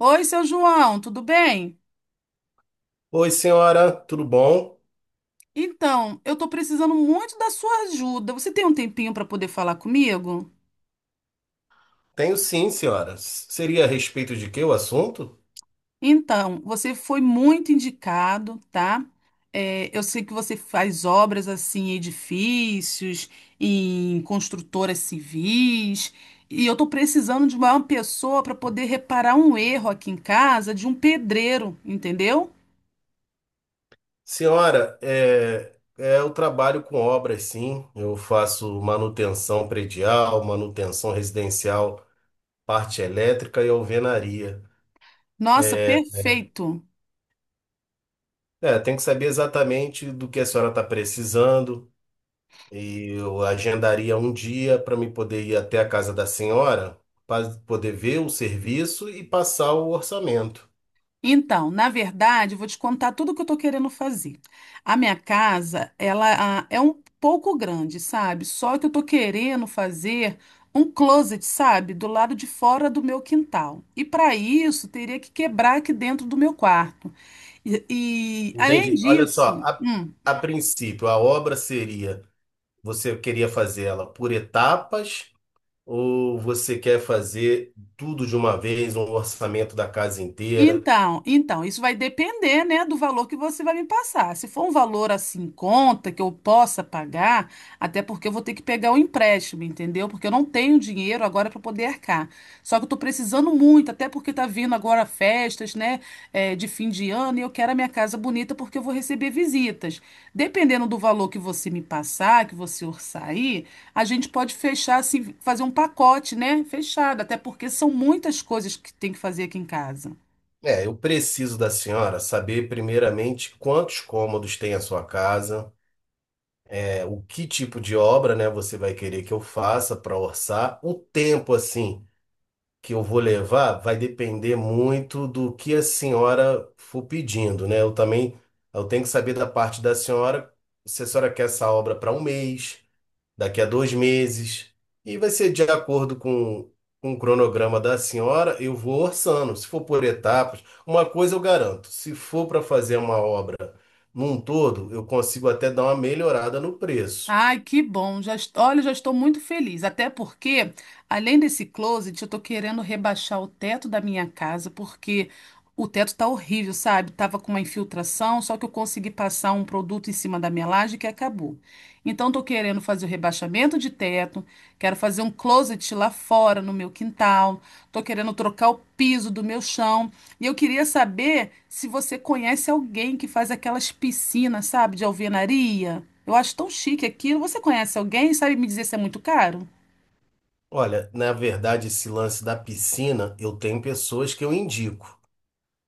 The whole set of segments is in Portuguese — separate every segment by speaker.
Speaker 1: Oi, seu João, tudo bem?
Speaker 2: Oi, senhora, tudo bom?
Speaker 1: Então, eu tô precisando muito da sua ajuda. Você tem um tempinho para poder falar comigo?
Speaker 2: Tenho sim, senhora. Seria a respeito de que o assunto?
Speaker 1: Então, você foi muito indicado, tá? É, eu sei que você faz obras assim em edifícios, em construtoras civis, e eu tô precisando de uma pessoa para poder reparar um erro aqui em casa de um pedreiro, entendeu?
Speaker 2: Senhora, eu trabalho com obras, sim. Eu faço manutenção predial, manutenção residencial, parte elétrica e alvenaria.
Speaker 1: Nossa, perfeito.
Speaker 2: É, tem que saber exatamente do que a senhora está precisando e eu agendaria um dia para me poder ir até a casa da senhora para poder ver o serviço e passar o orçamento.
Speaker 1: Então, na verdade, eu vou te contar tudo o que eu tô querendo fazer. A minha casa, ela é um pouco grande, sabe? Só que eu tô querendo fazer um closet, sabe? Do lado de fora do meu quintal. E para isso, teria que quebrar aqui dentro do meu quarto. E, e, além
Speaker 2: Entendi. Olha só,
Speaker 1: disso, hum,
Speaker 2: a princípio, a obra seria, você queria fazer ela por etapas ou você quer fazer tudo de uma vez, um orçamento da casa inteira?
Speaker 1: Então, então, isso vai depender, né, do valor que você vai me passar. Se for um valor assim em conta que eu possa pagar, até porque eu vou ter que pegar o empréstimo, entendeu? Porque eu não tenho dinheiro agora para poder arcar. Só que eu tô precisando muito, até porque tá vindo agora festas, né, é, de fim de ano e eu quero a minha casa bonita porque eu vou receber visitas. Dependendo do valor que você me passar, que você orçar aí, a gente pode fechar assim, fazer um pacote, né, fechado, até porque são muitas coisas que tem que fazer aqui em casa.
Speaker 2: É, eu preciso da senhora saber primeiramente quantos cômodos tem a sua casa, é, o que tipo de obra, né, você vai querer que eu faça para orçar, o tempo assim. Que eu vou levar vai depender muito do que a senhora for pedindo, né? Eu também eu tenho que saber da parte da senhora se a senhora quer essa obra para um mês, daqui a 2 meses, e vai ser de acordo com o cronograma da senhora, eu vou orçando. Se for por etapas, uma coisa eu garanto, se for para fazer uma obra num todo, eu consigo até dar uma melhorada no preço.
Speaker 1: Ai, que bom. Já, olha, já estou muito feliz. Até porque, além desse closet, eu tô querendo rebaixar o teto da minha casa, porque o teto tá horrível, sabe? Tava com uma infiltração, só que eu consegui passar um produto em cima da minha laje que acabou. Então, tô querendo fazer o rebaixamento de teto, quero fazer um closet lá fora, no meu quintal, tô querendo trocar o piso do meu chão. E eu queria saber se você conhece alguém que faz aquelas piscinas, sabe, de alvenaria. Eu acho tão chique aquilo. Você conhece alguém? Sabe me dizer se é muito caro?
Speaker 2: Olha, na verdade, esse lance da piscina, eu tenho pessoas que eu indico.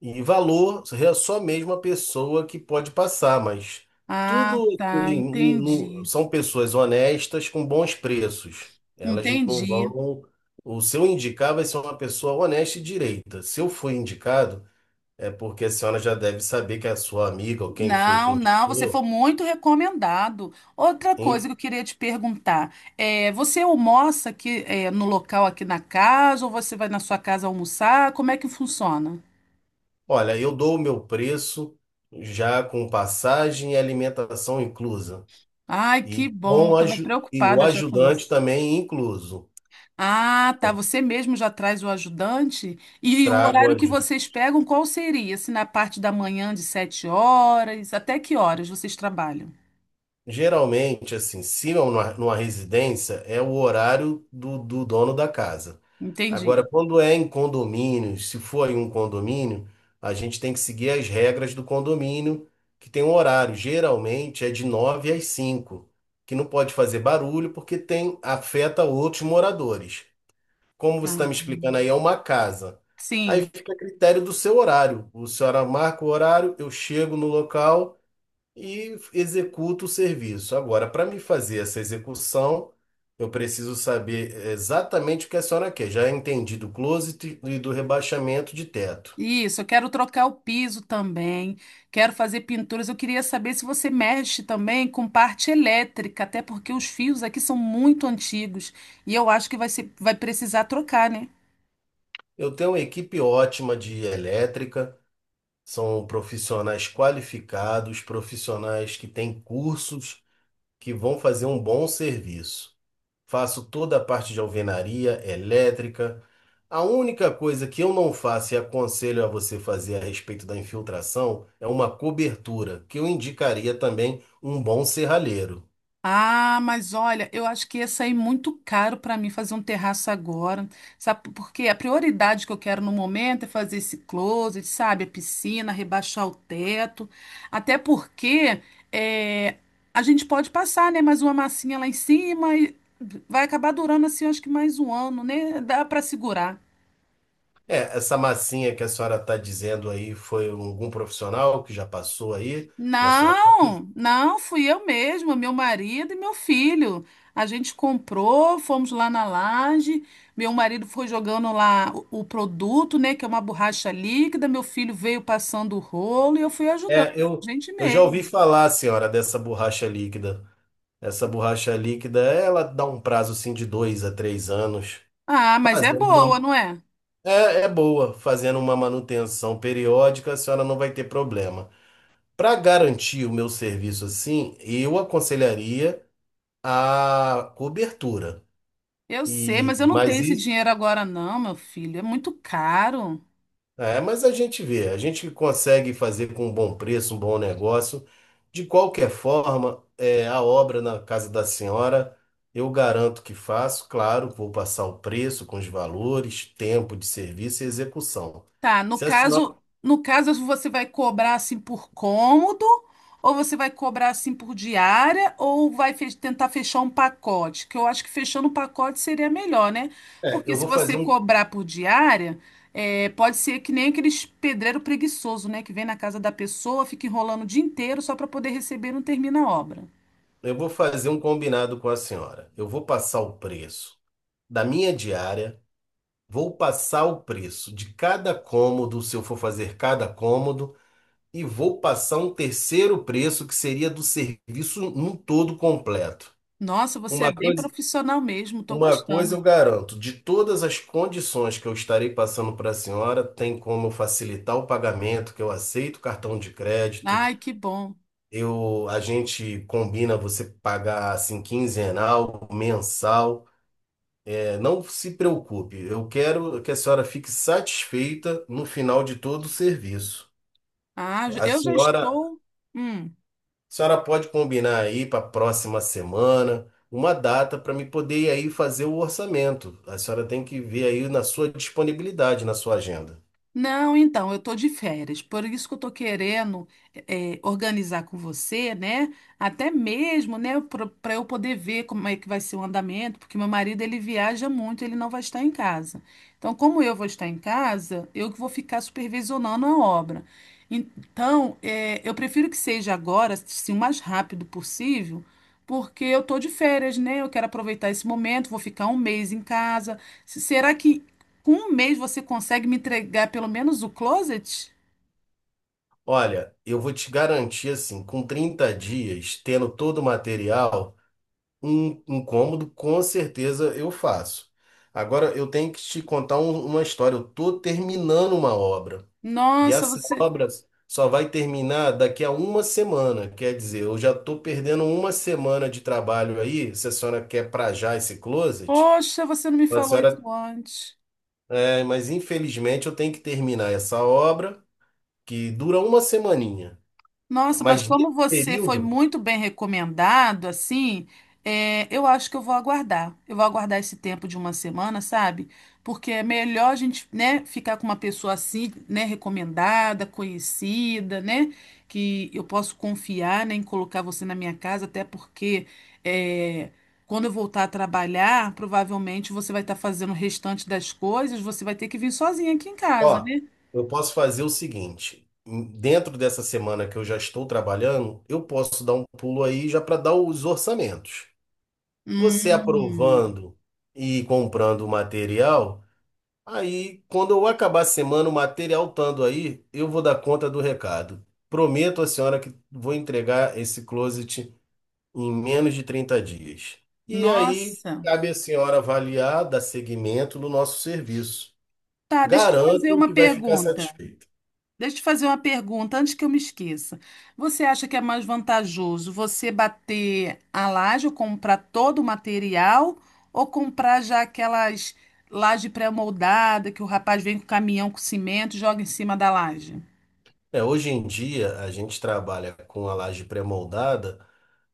Speaker 2: E valor é só mesmo a pessoa que pode passar, mas
Speaker 1: Ah,
Speaker 2: tudo
Speaker 1: tá,
Speaker 2: assim,
Speaker 1: entendi.
Speaker 2: são pessoas honestas com bons preços. Elas não
Speaker 1: Entendi.
Speaker 2: vão. O seu indicar vai ser uma pessoa honesta e direita. Se eu for indicado, é porque a senhora já deve saber que é a sua amiga ou quem foi que
Speaker 1: Não, não, você foi
Speaker 2: indicou.
Speaker 1: muito recomendado. Outra coisa
Speaker 2: Em-
Speaker 1: que eu queria te perguntar, é, você almoça aqui, é, no local aqui na casa ou você vai na sua casa almoçar? Como é que funciona?
Speaker 2: Olha, eu dou o meu preço já com passagem e alimentação inclusa.
Speaker 1: Ai, que
Speaker 2: E,
Speaker 1: bom,
Speaker 2: com,
Speaker 1: eu tava
Speaker 2: aju- e o
Speaker 1: preocupada já com
Speaker 2: ajudante
Speaker 1: isso.
Speaker 2: também incluso.
Speaker 1: Ah, tá. Você mesmo já traz o ajudante? E o
Speaker 2: Trago.
Speaker 1: horário que vocês pegam, qual seria? Se na parte da manhã de 7 horas, até que horas vocês trabalham?
Speaker 2: Geralmente, assim, se é numa residência, é o horário do dono da casa.
Speaker 1: Entendi.
Speaker 2: Agora, quando é em condomínio, se for em um condomínio, a gente tem que seguir as regras do condomínio, que tem um horário. Geralmente é de 9 às 5, que não pode fazer barulho porque tem afeta outros moradores. Como você
Speaker 1: Ah,
Speaker 2: está me explicando aí, é uma casa. Aí
Speaker 1: sim.
Speaker 2: fica a critério do seu horário. O senhora marca o horário, eu chego no local e executo o serviço. Agora, para me fazer essa execução, eu preciso saber exatamente o que a senhora quer. Já entendi do closet e do rebaixamento de teto.
Speaker 1: Isso, eu quero trocar o piso também, quero fazer pinturas. Eu queria saber se você mexe também com parte elétrica, até porque os fios aqui são muito antigos e eu acho que vai ser, vai precisar trocar, né?
Speaker 2: Eu tenho uma equipe ótima de elétrica, são profissionais qualificados, profissionais que têm cursos que vão fazer um bom serviço. Faço toda a parte de alvenaria, elétrica. A única coisa que eu não faço e aconselho a você fazer a respeito da infiltração é uma cobertura, que eu indicaria também um bom serralheiro.
Speaker 1: Ah, mas olha, eu acho que ia sair muito caro para mim fazer um terraço agora, sabe? Porque a prioridade que eu quero no momento é fazer esse closet, sabe? A piscina, rebaixar o teto. Até porque é, a gente pode passar, né? Mais uma massinha lá em cima e vai acabar durando assim, eu acho que mais um ano, né? Dá para segurar.
Speaker 2: É, essa massinha que a senhora está dizendo aí foi algum profissional que já passou aí na sua.
Speaker 1: Não, não, fui eu mesma, meu marido e meu filho. A gente comprou, fomos lá na laje. Meu marido foi jogando lá o produto, né, que é uma borracha líquida. Meu filho veio passando o rolo e eu fui ajudando,
Speaker 2: É,
Speaker 1: a
Speaker 2: eu,
Speaker 1: gente
Speaker 2: eu já ouvi
Speaker 1: mesmo.
Speaker 2: falar, senhora, dessa borracha líquida. Essa borracha líquida, ela dá um prazo assim de 2 a 3 anos.
Speaker 1: Ah, mas é
Speaker 2: Fazer
Speaker 1: boa,
Speaker 2: uma,
Speaker 1: não é?
Speaker 2: é boa, fazendo uma manutenção periódica, a senhora não vai ter problema. Para garantir o meu serviço assim, eu aconselharia a cobertura.
Speaker 1: Eu sei,
Speaker 2: E
Speaker 1: mas eu não tenho
Speaker 2: mas
Speaker 1: esse
Speaker 2: isso,
Speaker 1: dinheiro agora, não, meu filho. É muito caro.
Speaker 2: mas a gente vê, a gente consegue fazer com um bom preço, um bom negócio. De qualquer forma, é, a obra na casa da senhora, eu garanto que faço, claro, vou passar o preço com os valores, tempo de serviço e execução.
Speaker 1: Tá, no
Speaker 2: Se a senhora,
Speaker 1: caso, no caso você vai cobrar assim por cômodo, ou você vai cobrar assim por diária, ou vai tentar fechar um pacote, que eu acho que fechando um pacote seria melhor, né?
Speaker 2: é,
Speaker 1: Porque
Speaker 2: eu
Speaker 1: se
Speaker 2: vou fazer
Speaker 1: você
Speaker 2: um
Speaker 1: cobrar por diária, é, pode ser que nem aqueles pedreiro preguiçoso, né, que vem na casa da pessoa, fica enrolando o dia inteiro só para poder receber e não termina a obra.
Speaker 2: Eu vou fazer um combinado com a senhora. Eu vou passar o preço da minha diária, vou passar o preço de cada cômodo, se eu for fazer cada cômodo, e vou passar um terceiro preço que seria do serviço num todo completo.
Speaker 1: Nossa, você é
Speaker 2: Uma
Speaker 1: bem
Speaker 2: coisa,
Speaker 1: profissional mesmo, tô
Speaker 2: uma coisa
Speaker 1: gostando.
Speaker 2: eu garanto, de todas as condições que eu estarei passando para a senhora, tem como eu facilitar o pagamento, que eu aceito cartão de crédito.
Speaker 1: Ai, que bom.
Speaker 2: A gente combina você pagar assim quinzenal, mensal. Não se preocupe, eu quero que a senhora fique satisfeita no final de todo o serviço.
Speaker 1: Ah,
Speaker 2: A
Speaker 1: eu já
Speaker 2: senhora, a
Speaker 1: estou. Hum.
Speaker 2: senhora pode combinar aí para a próxima semana uma data para me poder ir aí fazer o orçamento. A senhora tem que ver aí na sua disponibilidade, na sua agenda.
Speaker 1: Não, então, eu tô de férias, por isso que eu tô querendo organizar com você, né? Até mesmo, né, para eu poder ver como é que vai ser o andamento, porque meu marido ele viaja muito, ele não vai estar em casa. Então, como eu vou estar em casa, eu que vou ficar supervisionando a obra. Então, eu prefiro que seja agora, assim, o mais rápido possível. Porque eu tô de férias, né? Eu quero aproveitar esse momento, vou ficar um mês em casa. Será que com um mês você consegue me entregar pelo menos o closet?
Speaker 2: Olha, eu vou te garantir assim, com 30 dias, tendo todo o material, um cômodo com certeza eu faço. Agora eu tenho que te contar uma história. Eu tô terminando uma obra. E
Speaker 1: Nossa,
Speaker 2: as
Speaker 1: você.
Speaker 2: obras só vai terminar daqui a uma semana. Quer dizer, eu já estou perdendo uma semana de trabalho aí. Se a senhora quer pra já esse closet,
Speaker 1: Poxa, você não me
Speaker 2: a
Speaker 1: falou
Speaker 2: senhora.
Speaker 1: isso antes.
Speaker 2: É, mas infelizmente eu tenho que terminar essa obra, que dura uma semaninha.
Speaker 1: Nossa, mas
Speaker 2: Mas nesse
Speaker 1: como você foi
Speaker 2: período,
Speaker 1: muito bem recomendado, assim, é, eu acho que eu vou aguardar. Eu vou aguardar esse tempo de uma semana, sabe? Porque é melhor a gente, né, ficar com uma pessoa assim, né, recomendada, conhecida, né, que eu posso confiar, né, em colocar você na minha casa, até porque é, quando eu voltar a trabalhar, provavelmente você vai estar fazendo o restante das coisas, você vai ter que vir sozinha aqui em casa,
Speaker 2: ó,
Speaker 1: né?
Speaker 2: eu posso fazer o seguinte: dentro dessa semana que eu já estou trabalhando, eu posso dar um pulo aí já para dar os orçamentos. Você
Speaker 1: Hum,
Speaker 2: aprovando e comprando o material. Aí, quando eu acabar a semana, o material estando aí, eu vou dar conta do recado. Prometo à senhora que vou entregar esse closet em menos de 30 dias. E aí,
Speaker 1: nossa.
Speaker 2: cabe à senhora avaliar, dar seguimento no nosso serviço.
Speaker 1: Tá, deixa eu te fazer
Speaker 2: Garanto
Speaker 1: uma
Speaker 2: que vai ficar
Speaker 1: pergunta.
Speaker 2: satisfeita.
Speaker 1: Deixa eu te fazer uma pergunta antes que eu me esqueça. Você acha que é mais vantajoso você bater a laje ou comprar todo o material ou comprar já aquelas laje pré-moldada que o rapaz vem com o caminhão com cimento e joga em cima da laje?
Speaker 2: É, hoje em dia, a gente trabalha com a laje pré-moldada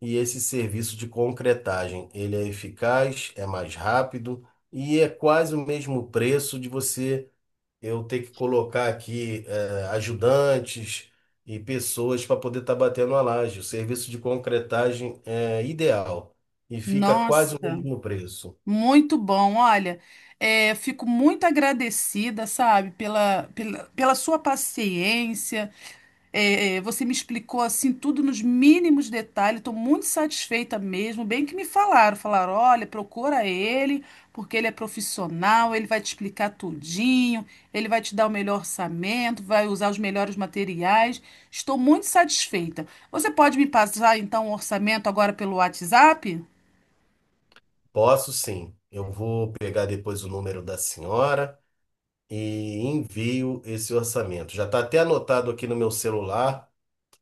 Speaker 2: e esse serviço de concretagem, ele é eficaz, é mais rápido e é quase o mesmo preço de você eu ter que colocar aqui ajudantes e pessoas para poder estar batendo a laje. O serviço de concretagem é ideal e fica quase o
Speaker 1: Nossa,
Speaker 2: mesmo preço.
Speaker 1: muito bom. Olha, é, fico muito agradecida, sabe, pela sua paciência. É, você me explicou assim tudo nos mínimos detalhes, estou muito satisfeita mesmo. Bem que me falaram, olha, procura ele, porque ele é profissional, ele vai te explicar tudinho, ele vai te dar o melhor orçamento, vai usar os melhores materiais. Estou muito satisfeita. Você pode me passar então o orçamento agora pelo WhatsApp?
Speaker 2: Posso sim. Eu vou pegar depois o número da senhora e envio esse orçamento. Já está até anotado aqui no meu celular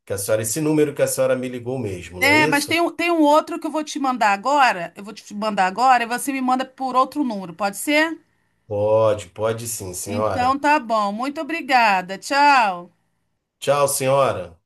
Speaker 2: que a senhora, esse número que a senhora me ligou mesmo, não é
Speaker 1: É, mas
Speaker 2: isso?
Speaker 1: tem um outro que eu vou te mandar agora. Eu vou te mandar agora e você me manda por outro número, pode ser?
Speaker 2: Pode, pode sim,
Speaker 1: Então
Speaker 2: senhora.
Speaker 1: tá bom. Muito obrigada. Tchau.
Speaker 2: Tchau, senhora.